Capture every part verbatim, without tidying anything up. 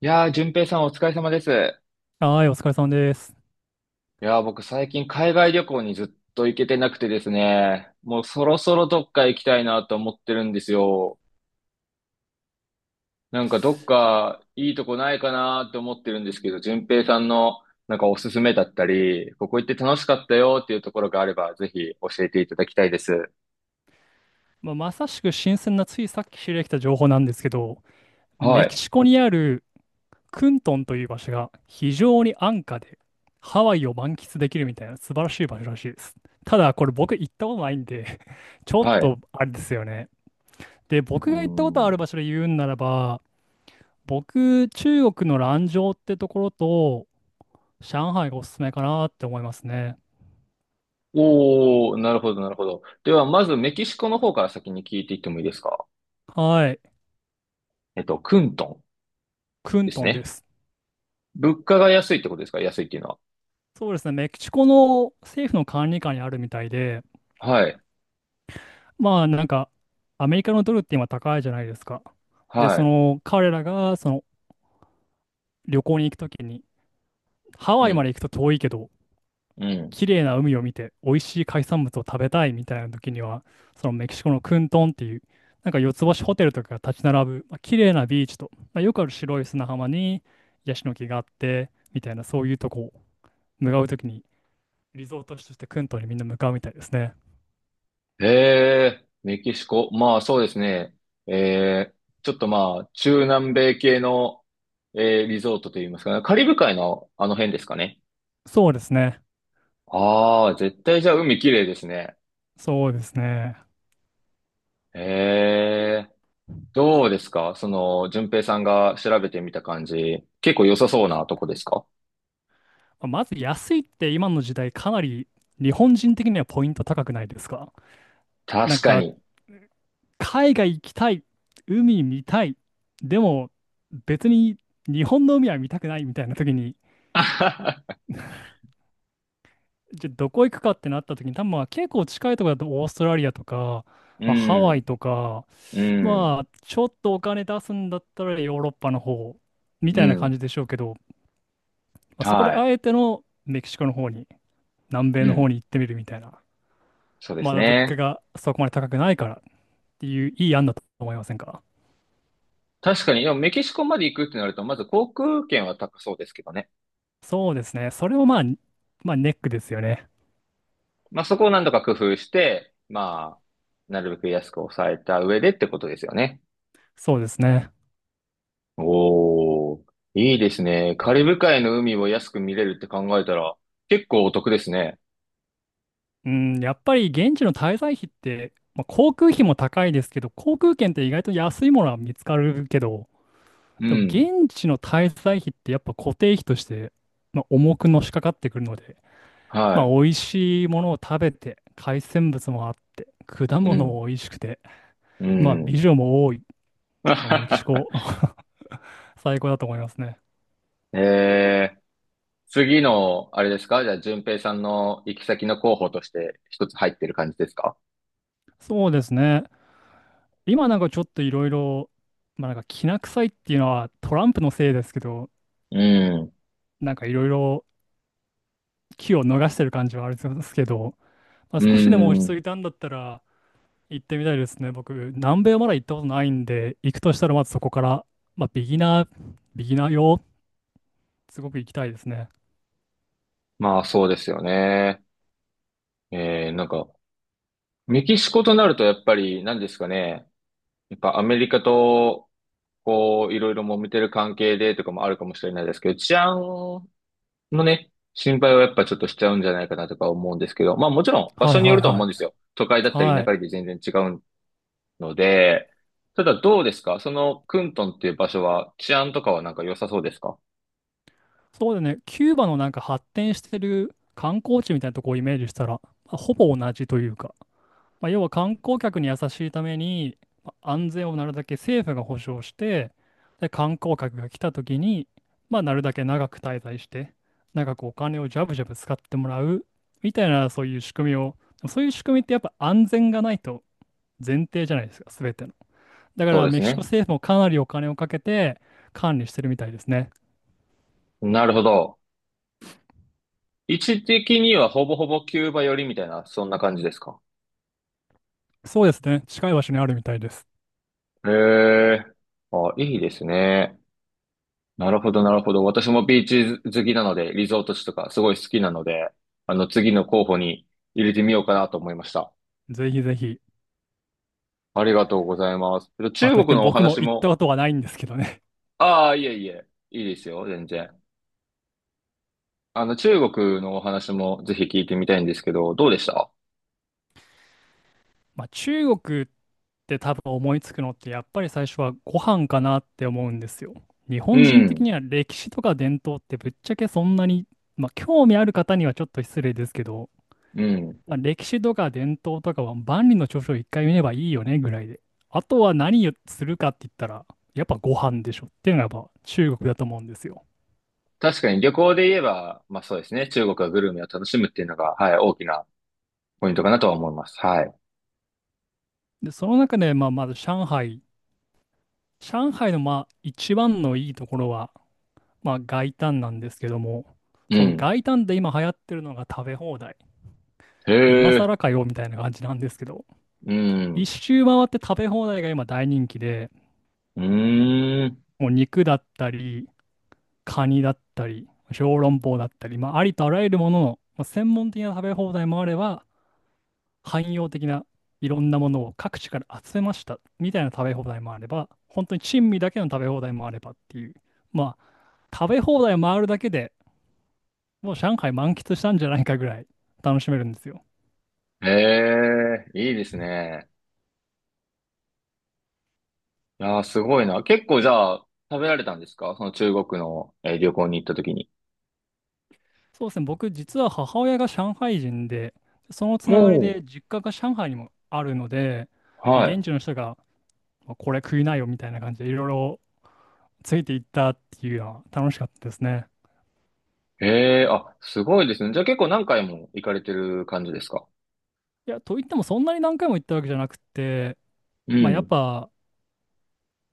いやー、淳平さんお疲れ様です。はい、お疲れ様です。いやー、僕最近海外旅行にずっと行けてなくてですね、もうそろそろどっか行きたいなと思ってるんですよ。なんかどっかいいとこないかなと思ってるんですけど、淳平さんのなんかおすすめだったり、ここ行って楽しかったよっていうところがあれば、ぜひ教えていただきたいです。まあ、まさしく新鮮なついさっき知り合ってきた情報なんですけど、はメキい、シコにあるクントンという場所が非常に安価でハワイを満喫できるみたいな素晴らしい場所らしいです。ただこれ僕行ったことないんで、ちょっはい。うとあれですよね。で、僕ーが行ったことあるん。場所で言うんならば、僕、中国の蘭州ってところと上海がおすすめかなって思いますね。おー、なるほど、なるほど。では、まずメキシコの方から先に聞いていってもいいですか？はい、えっと、クントンクでンすトンでね。す。物価が安いってことですか？安いっていうのは。そうですね、メキシコの政府の管理下にあるみたいで、はい。まあなんかアメリカのドルって今高いじゃないですか。で、そはの彼らがその旅行に行くときに、ハい。ワうイまでん。行くと遠いけど、うん。綺麗な海を見て美味しい海産物を食べたいみたいなときには、そのメキシコのクントンっていう、なんか四つ星ホテルとかが立ち並ぶ、まあ、綺麗なビーチと、まあ、よくある白い砂浜にヤシの木があって、みたいなそういうとこを向かうときに、リゾート地としてクントンにみんな向かうみたいですね。へえ、メキシコ。まあそうですね。えー、ちょっとまあ、中南米系の、えー、リゾートといいますかね。カリブ海のあの辺ですかね。そうですね。ああ、絶対じゃあ海綺麗ですね。そうですね。へえ、どうですかその、順平さんが調べてみた感じ。結構良さそうなとこですか？まず安いって今の時代かなり日本人的にはポイント高くないですか？なん確かかに。海外行きたい、海見たい、でも別に日本の海は見たくないみたいな時に、じゃあどこ行くかってなった時に多分まあ結構近いところだとオーストラリアとか、うまあ、ハワイん、とか、うん、まあちょっとお金出すんだったらヨーロッパの方みうたいな感ん。じでしょうけど、まあ、そこではい。あえてのメキシコの方に、南米うの方ん。に行ってみるみたいな。そうですまだ物価ね。がそこまで高くないからっていういい案だと思いませんか？確かに、でもメキシコまで行くってなると、まず航空券は高そうですけどね。そうですね。それもまあ、まあネックですよね。まあそこを何とか工夫して、まあ、なるべく安く抑えた上でってことですよね。そうですね。おー、いいですね。カリブ海の海を安く見れるって考えたら、結構お得ですね。うん、やっぱり現地の滞在費って、まあ、航空費も高いですけど、航空券って意外と安いものは見つかるけど、うでもん。現地の滞在費ってやっぱ固定費として、まあ、重くのしかかってくるので、まあは美味しいものを食べて、海鮮物もあって、果い。う物もん。美味しくて、うまあ美ん。女も多い、まあ、メキシコ 最高だと思いますね。えー、次の、あれですかじゃあ、順平さんの行き先の候補として一つ入ってる感じですか？そうですね。今なんかちょっといろいろ、まあなんかきな臭いっていうのはトランプのせいですけど、うん。なんかいろいろ機を逃してる感じはあるんですけど、まあ、う少しでも落ち着ん。いたんだったら行ってみたいですね。僕、南米はまだ行ったことないんで、行くとしたらまずそこから、まあビギナー、ビギナー用、すごく行きたいですね。まあそうですよね。えー、なんか、メキシコとなるとやっぱり何ですかね。やっぱアメリカと、こう、いろいろ揉めてる関係でとかもあるかもしれないですけど、治安のね、心配はやっぱちょっとしちゃうんじゃないかなとか思うんですけど、まあもちろん場は所いによはいると思はうんい。ですよ。都会だったり田はい。舎で全然違うので、ただどうですかそのクントンっていう場所は治安とかはなんか良さそうですか？そうだね、キューバのなんか発展してる観光地みたいなとこをイメージしたら、まあほぼ同じというか、まあ、要は観光客に優しいために、まあ安全をなるだけ政府が保障して、で、観光客が来た時に、まあ、なるだけ長く滞在して、長くお金をジャブジャブ使ってもらう、みたいな、そういう仕組みを、そういう仕組みってやっぱ安全がないと前提じゃないですか、すべての。だかそうら、でメすキシコね。政府もかなりお金をかけて管理してるみたいですね。なるほど。位置的にはほぼほぼキューバ寄りみたいな、そんな感じですか？そうですね、近い場所にあるみたいです。へえ。あ、いいですね。なるほど、なるほど。私もビーチ好きなので、リゾート地とかすごい好きなので、あの、次の候補に入れてみようかなと思いました。ぜひぜひ。ありがとうございます。えっとまあ、中とい国ってものお僕も話行ったも、ことはないんですけどね。ああ、いえいえ、いいですよ、全然。あの、中国のお話もぜひ聞いてみたいんですけど、どうでした？ まあ、中国って多分思いつくのってやっぱり最初はご飯かなって思うんですよ。日う本人的ん、には歴史とか伝統ってぶっちゃけそんなに、まあ、興味ある方にはちょっと失礼ですけど、うん。まあ、歴史とか伝統とかは万里の長城一回見ればいいよねぐらいで。あとは何をするかって言ったらやっぱご飯でしょっていうのがやっぱ中国だと思うんですよ。確かに旅行で言えば、まあそうですね、中国はグルメを楽しむっていうのが、はい、大きなポイントかなとは思います。はい。で、その中で、まあ、まず上海。上海のまあ一番のいいところは、まあ、外灘なんですけども、うそのん。外灘で今流行ってるのが食べ放題。へ今え、更かよみたいな感じなんですけど、う一ん。周回って食べ放題が今大人気で、うーん。もう肉だったり、カニだったり、小籠包だったり、まあ、ありとあらゆるものの、まあ、専門的な食べ放題もあれば、汎用的ないろんなものを各地から集めましたみたいな食べ放題もあれば、本当に珍味だけの食べ放題もあればっていう、まあ、食べ放題回るだけでもう上海満喫したんじゃないかぐらい楽しめるんですよ。ええ、いいですね。いやー、すごいな。結構じゃあ、食べられたんですかその中国の、えー旅行に行った時に。そうですね、僕実は母親が上海人で、そのつながりもう。で実家が上海にもあるので、もうはい。現地の人がまあこれ食いなよみたいな感じでいろいろついていったっていうのは楽しかったですね。ええ、あ、すごいですね。じゃあ結構何回も行かれてる感じですか？いや、と言ってもそんなに何回も行ったわけじゃなくて、うまあやっん。ぱ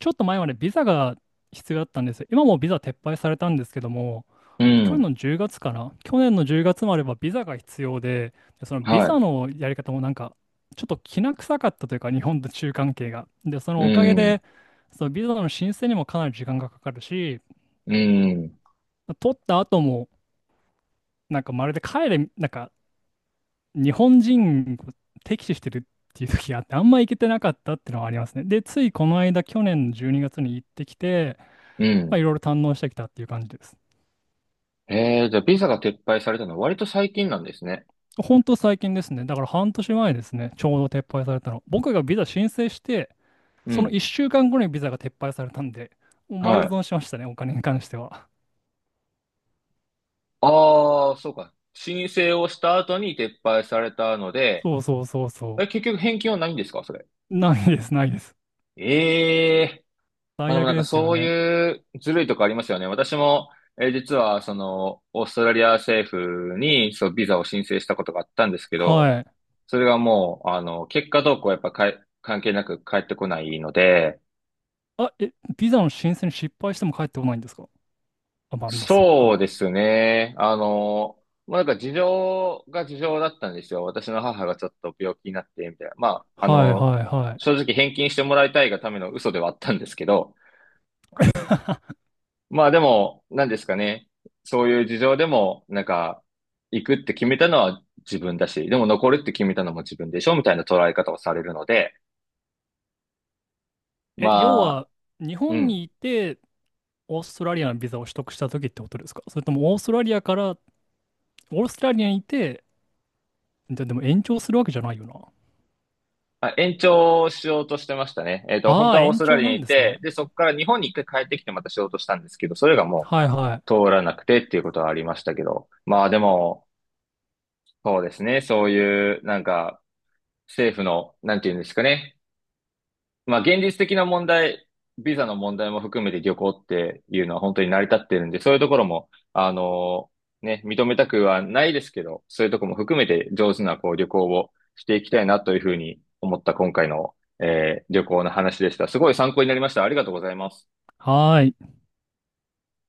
ちょっと前までビザが必要だったんですよ。今もビザ撤廃されたんですけども、う去年ん。のじゅうがつかな、去年のじゅうがつまではビザが必要で、でそのビはザのやり方もなんか、ちょっときな臭かったというか、日本と中関係が。で、そい。のうおかげん。で、そのビザの申請にもかなり時間がかかるし、うん。取った後も、なんかまるで帰れ、なんか日本人を敵視してるっていう時があって、あんま行けてなかったっていうのはありますね。で、ついこの間、去年のじゅうにがつにがつに行ってきて、うまあ、いん。ろいろ堪能してきたっていう感じです。ええ、じゃあビザが撤廃されたのは割と最近なんですね。本当最近ですね。だから半年前ですね。ちょうど撤廃されたの。僕がビザ申請して、うそのん。いっしゅうかんごにビザが撤廃されたんで、もうは丸い。損しましたね、お金に関しては。ああ、そうか。申請をした後に撤廃されたので、そうそうそうそえ、結局返金はないんですかそれ。う。ないです、ないです。ええ、まあ最でもな悪んかですよそうね。いうずるいとこありますよね。私も、えー実はその、オーストラリア政府にそう、ビザを申請したことがあったんですけど、はい。それがもう、あの、結果どうこうやっぱかい関係なく返ってこないので、あ、え、ビザの申請に失敗しても帰ってこないんですか？あ、まあ、まあそっそうでか。すね。あの、まあなんか事情が事情だったんですよ。私の母がちょっと病気になって、みたいな。まあ、あはいの、はいはい。正直返金してもらいたいがための嘘ではあったんですけど、まあでも、なんですかね。そういう事情でも、なんか、行くって決めたのは自分だし、でも残るって決めたのも自分でしょみたいな捉え方をされるので、え、要まあ、は、日う本ん。にいて、オーストラリアのビザを取得した時ってことですか？それともオーストラリアから、オーストラリアにいて、で、でも延長するわけじゃないよな。まあ、延長しようとしてましたね。えっと、本あ当あ、はオース延トラ長リアなにんいですて、ね。で、そこから日本に一回帰ってきてまたしようとしたんですけど、それがもはいはうい。通らなくてっていうことはありましたけど、まあでも、そうですね。そういう、なんか、政府の、なんていうんですかね。まあ、現実的な問題、ビザの問題も含めて旅行っていうのは本当に成り立ってるんで、そういうところも、あのね、認めたくはないですけど、そういうところも含めて上手なこう旅行をしていきたいなというふうに思った今回の、えー旅行の話でした。すごい参考になりました。ありがとうございます。はーい。